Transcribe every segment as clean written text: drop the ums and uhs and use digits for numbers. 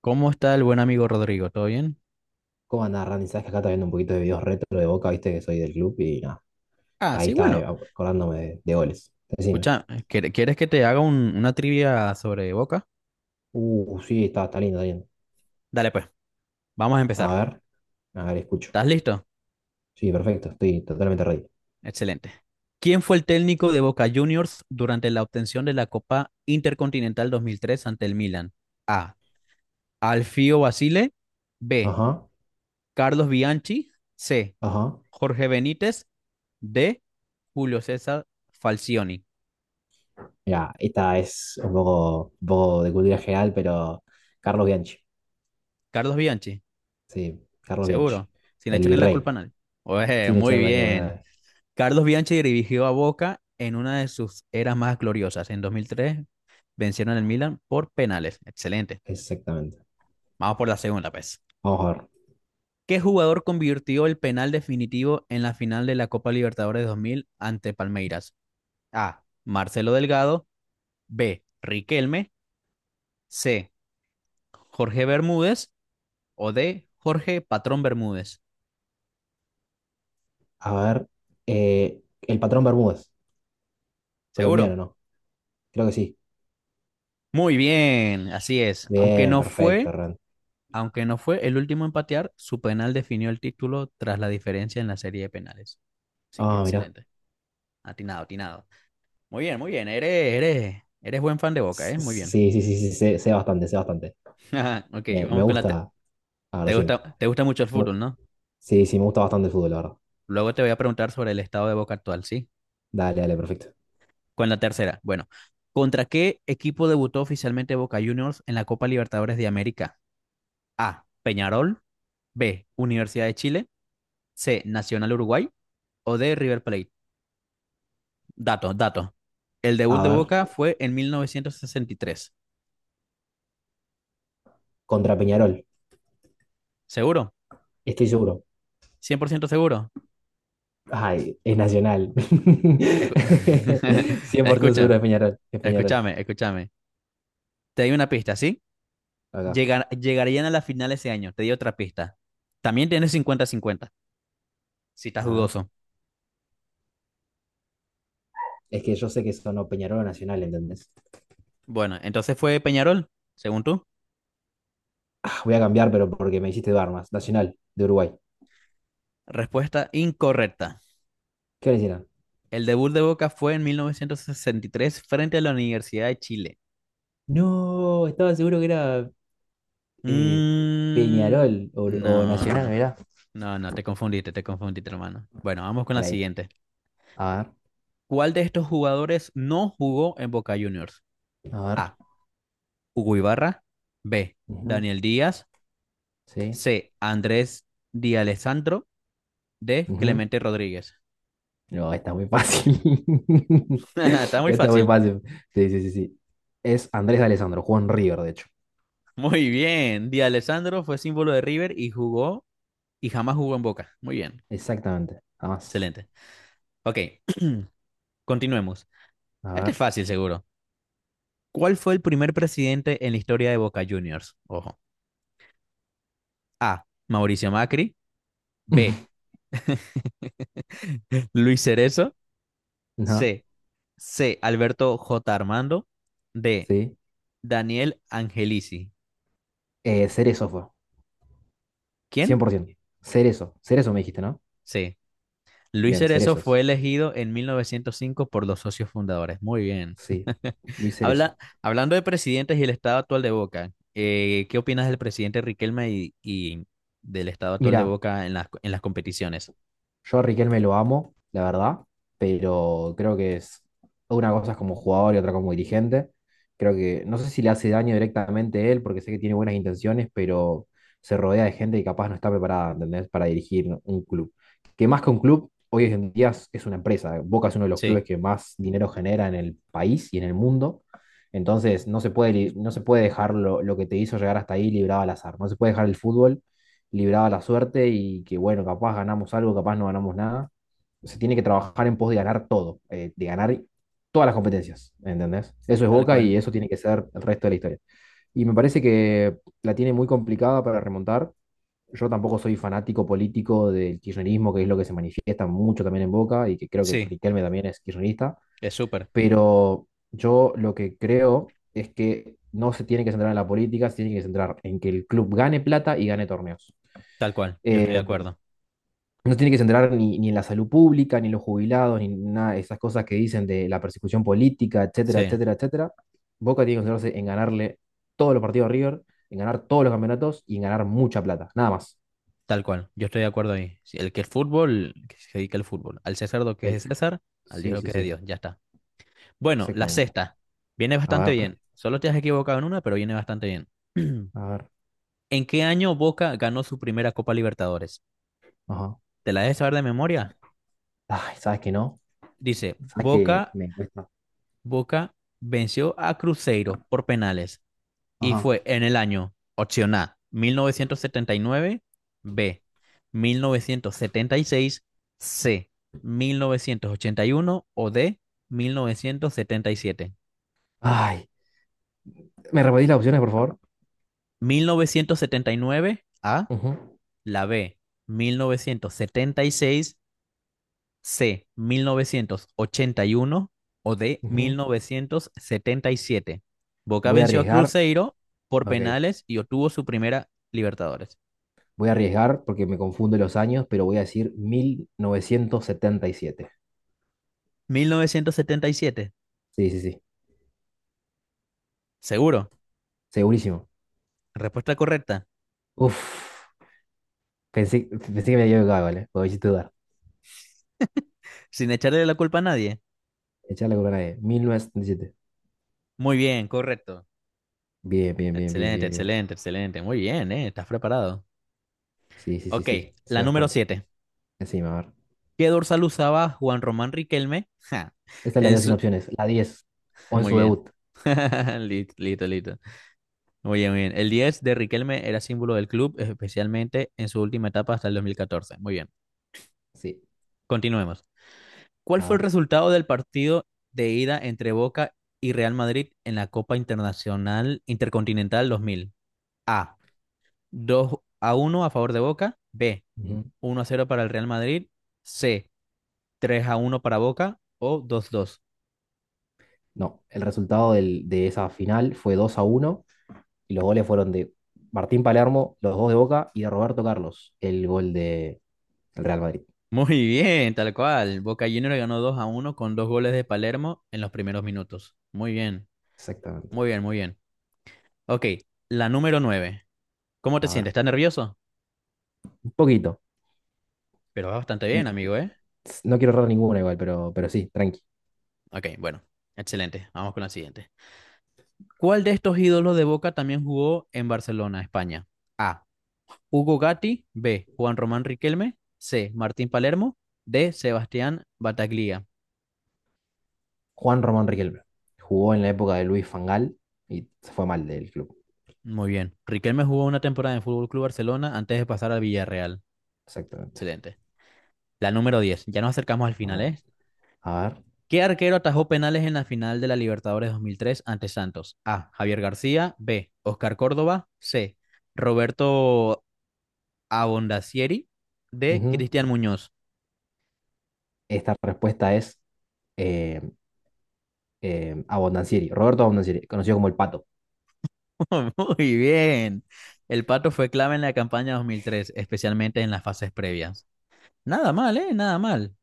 ¿Cómo está el buen amigo Rodrigo? ¿Todo bien? ¿Cómo andás, Randy? Sabes que acá está viendo un poquito de videos retro de Boca, viste que soy del club y nada, Ah, ahí sí, estaba bueno. acordándome de goles. Decime. Escucha, ¿quieres que te haga una trivia sobre Boca? Sí, está lindo, está lindo. Dale, pues, vamos a A empezar. ver, a ver, escucho. ¿Estás listo? Sí, perfecto, estoy totalmente ready. Excelente. ¿Quién fue el técnico de Boca Juniors durante la obtención de la Copa Intercontinental 2003 ante el Milan? A. Alfio Basile. B. Ajá, Carlos Bianchi. C. ajá. Jorge Benítez. D. Julio César Falcioni. Mira, esta es un poco de cultura general, pero Carlos Bianchi. Carlos Bianchi, Sí, Carlos Bianchi. seguro, sin El echarle la culpa virrey. a nadie. Oye, Sin muy echar la bien. corona. Carlos Bianchi dirigió a Boca en una de sus eras más gloriosas. En 2003 vencieron al Milan por penales. Excelente. Exactamente. Vamos por la segunda, pues. Vamos a ver. ¿Qué jugador convirtió el penal definitivo en la final de la Copa Libertadores 2000 ante Palmeiras? A. Marcelo Delgado. B. Riquelme. C. Jorge Bermúdez. O D. Jorge Patrón Bermúdez. A ver. El patrón Bermúdez. Colombiano, ¿Seguro? ¿no? Creo que sí. Muy bien, así es. Aunque Bien, no perfecto, fue Randy. Aunque no fue el último en patear, su penal definió el título tras la diferencia en la serie de penales. Así que Ah, mirá. excelente. Atinado, atinado. Muy bien, muy bien. Eres buen fan de Boca, Sí, ¿eh? Muy bien. sí, sí, sí, sé bastante, sé bastante. Ok, Me vamos con la... te- gusta. A ver, te decime. gusta, te gusta mucho el Mu- fútbol, ¿no? Sí, sí, me gusta bastante el fútbol, la verdad. Luego te voy a preguntar sobre el estado de Boca actual, ¿sí? Dale, dale, perfecto. Con la tercera. Bueno, ¿contra qué equipo debutó oficialmente Boca Juniors en la Copa Libertadores de América? A. Peñarol. B. Universidad de Chile. C. Nacional Uruguay. O D. River Plate. Dato, dato. El A debut de ver, Boca fue en 1963. contra Peñarol. ¿Seguro? Estoy seguro. ¿100% seguro? Ay, es Nacional. Escu- Cien por ciento seguro Escucha, es Peñarol. Es Peñarol. escúchame, escúchame. Te di una pista, ¿sí? Acá. Llegarían a la final ese año. Te di otra pista. También tienes cincuenta cincuenta si estás A ver. dudoso. Es que yo sé que son o Peñarol o Nacional, ¿entendés? Bueno, entonces fue Peñarol, según tú. Ah, voy a cambiar, pero porque me hiciste dudar más. Nacional, de Uruguay. Respuesta incorrecta. ¿Qué le hicieron? El debut de Boca fue en 1963 frente a la Universidad de Chile. No, estaba seguro que era eh, Mm, Peñarol o no, Nacional, no. mira. No, no, te confundiste, hermano. Bueno, vamos con la Mal ahí. siguiente. A ¿Cuál de estos jugadores no jugó en Boca Juniors? ver, a ver. A. Hugo Ibarra. B. Ujú, Daniel Díaz. sí. C. Andrés Di Alessandro. D. Ujú. Clemente Rodríguez. No, está muy fácil. Está muy Está muy fácil. fácil. Sí, sí, sí, sí. Es Andrés Alessandro, jugó en River, de hecho. Muy bien. Di Alessandro fue símbolo de River y jugó y jamás jugó en Boca. Muy bien. Exactamente. Nada más. Excelente. Ok, continuemos. A Este es ver. fácil, seguro. ¿Cuál fue el primer presidente en la historia de Boca Juniors? Ojo. A. Mauricio Macri. B. Luis Cerezo, No, C. C. Alberto J. Armando, D. sí. Daniel Angelici. Cerezo fue. Cien ¿Quién? por ciento. Cerezo. Cerezo me dijiste, ¿no? C. Luis Bien, Cerezo fue Cerezos. elegido en 1905 por los socios fundadores. Muy bien. Sí. Luis Habla, Cerezo. hablando de presidentes y el estado actual de Boca, ¿qué opinas del presidente Riquelme y del estado actual de Mira, Boca en las competiciones? yo a Riquelme lo amo, la verdad, pero creo que es una cosa es como jugador y otra como dirigente. Creo que no sé si le hace daño directamente a él, porque sé que tiene buenas intenciones, pero se rodea de gente que capaz no está preparada, ¿entendés? Para dirigir un club. Que más que un club, hoy en día es una empresa. Boca es uno de los clubes Sí, que más dinero genera en el país y en el mundo. Entonces, no se puede, no se puede dejar lo que te hizo llegar hasta ahí librado al azar. No se puede dejar el fútbol libraba la suerte y que, bueno, capaz ganamos algo, capaz no ganamos nada. Se tiene que trabajar en pos de ganar todo, de ganar todas las competencias, ¿entendés? Eso es tal Boca y cual. eso tiene que ser el resto de la historia. Y me parece que la tiene muy complicada para remontar. Yo tampoco soy fanático político del kirchnerismo, que es lo que se manifiesta mucho también en Boca y que creo que Sí, Riquelme también es kirchnerista, es súper, pero yo lo que creo es que no se tiene que centrar en la política, se tiene que centrar en que el club gane plata y gane torneos. tal cual. Yo estoy de Eh, acuerdo. no tiene que centrar ni en la salud pública, ni en los jubilados, ni nada de esas cosas que dicen de la persecución política, etcétera, Sí. etcétera, etcétera. Boca tiene que centrarse en ganarle todos los partidos a River, en ganar todos los campeonatos y en ganar mucha plata, nada más. Tal cual, yo estoy de acuerdo ahí. Si el que es fútbol, que se dedica al fútbol. Al César lo que El, es de César, al Dios sí, lo sí, que es de sí, Dios, ya está. Bueno, la exactamente. sexta. Viene A bastante ver, bien. Solo te has equivocado en una, pero viene bastante bien. a ver, ¿En qué año Boca ganó su primera Copa Libertadores? ajá. ¿Te la debes saber de memoria? Ay, ¿sabes que no? Dice, ¿Sabes que Boca, me cuesta? Boca venció a Cruzeiro por penales. Y Ajá. fue en el año, opción A, 1979; B, 1976; C, 1981; o D, mil novecientos setenta y siete. Ay, ¿me repetís las opciones, por favor? 1979 A, Ujú, la B, 1976 C, 1981 o D, ujú. 1977. Boca Voy a venció a arriesgar. Cruzeiro por Ok. penales y obtuvo su primera Libertadores. Voy a arriesgar porque me confundo los años, pero voy a decir 1977. 1977. Sí, sí, sí. Seguro. Segurísimo. Respuesta correcta. Uf. Pensé, pensé que me había equivocado, ¿vale? Lo hiciste dudar. Sin echarle la culpa a nadie. Echar la corona de 1977. Muy bien, correcto. Bien, bien, bien, bien, Excelente, bien, bien. excelente, excelente. Muy bien, ¿eh? Estás preparado. Sí, sí, sí, Ok, sí. Sé la número bastante. 7. Encima, a ver. ¿Qué dorsal usaba Juan Román Riquelme? Ja, Esta la en dio sin su... opciones. La 10. O en Muy su bien. debut. Listo, listo, listo. Muy bien, muy bien. El 10 de Riquelme era símbolo del club, especialmente en su última etapa hasta el 2014. Muy bien. Sí. Continuemos. ¿Cuál A fue el ver. resultado del partido de ida entre Boca y Real Madrid en la Copa Internacional Intercontinental 2000? A, 2-1 a favor de Boca. B, Ujú. 1-0 para el Real Madrid. C, 3-1 para Boca. O dos dos. No. El resultado de esa final fue 2 a uno. Y los goles fueron de Martín Palermo, los dos de Boca, y de Roberto Carlos, el gol de el Real Madrid. Muy bien, tal cual. Boca Juniors ganó 2-1 con dos goles de Palermo en los primeros minutos. Muy bien, Exactamente. muy bien, muy bien. Ok, la número nueve. ¿Cómo te A sientes? ver, ¿Estás nervioso? un poquito. Pero va bastante bien, N- amigo, ¿eh? No quiero errar ninguna igual, pero sí, tranqui. Ok, bueno, excelente. Vamos con la siguiente. ¿Cuál de estos ídolos de Boca también jugó en Barcelona, España? A. Hugo Gatti, B. Juan Román Riquelme, C. Martín Palermo, D. Sebastián Bataglia. Juan Román Riquelme. Jugó en la época de Luis Fangal y se fue mal del club. Muy bien. Riquelme jugó una temporada en el Fútbol Club Barcelona antes de pasar al Villarreal. Exactamente. Excelente. La número 10. Ya nos acercamos al A final, ver, ¿eh? a ver. ¿Qué arquero atajó penales en la final de la Libertadores 2003 ante Santos? A. Javier García, B. Oscar Córdoba, C. Roberto Abondacieri, D. Ujú. Cristian Muñoz. Esta respuesta es eh, Abondancieri, Roberto Abondancieri, conocido como el Pato. Muy bien. El pato fue clave en la campaña 2003, especialmente en las fases previas. Nada mal, ¿eh? Nada mal.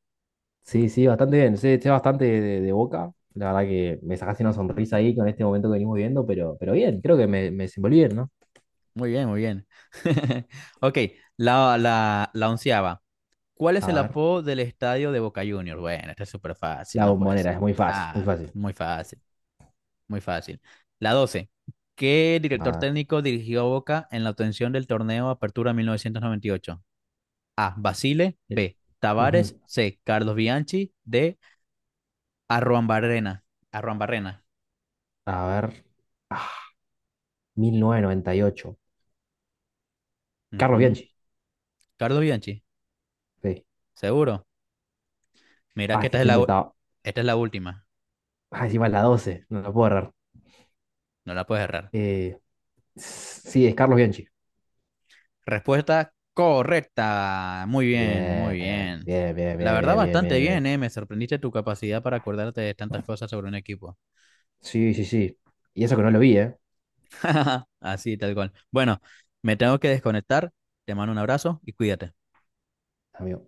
Sí, sí, bastante bien. Sé bastante de Boca. La verdad que me sacaste una sonrisa ahí con este momento que venimos viendo, pero bien, creo que me desenvolví bien, ¿no? Muy bien, muy bien. Ok, la onceava. ¿Cuál es A el ver, apodo del estadio de Boca Juniors? Bueno, esta es súper fácil, la no puede ser. bombonera, es muy fácil, muy Ah, fácil. muy fácil, muy fácil. La doce. ¿Qué A director ver. técnico dirigió a Boca en la obtención del torneo Apertura 1998? A. Basile. el- B. Tavares. Ujú. C. Carlos Bianchi. D. Arruabarrena. Arruabarrena. A ver. Ah, mil novecientos noventa y ocho. Carlos Ujú. Bianchi. Carlos Bianchi, Sí. seguro. Mira Ah, que es que estoy entretado. esta es la última. Ah, encima es la doce. No la puedo errar. No la puedes errar. Eh, sí, es Carlos Bianchi. Respuesta correcta. Muy bien, muy Bien, bien. bien, bien, La bien, verdad, bien, bien, bastante bien, bien. bien, ¿eh? Me sorprendiste tu capacidad para acordarte de tantas cosas sobre un equipo. Sí, sí, sí. Y eso que no lo vi, ¿eh? Así, tal cual. Bueno, me tengo que desconectar. Te mando un abrazo y cuídate. Amigo.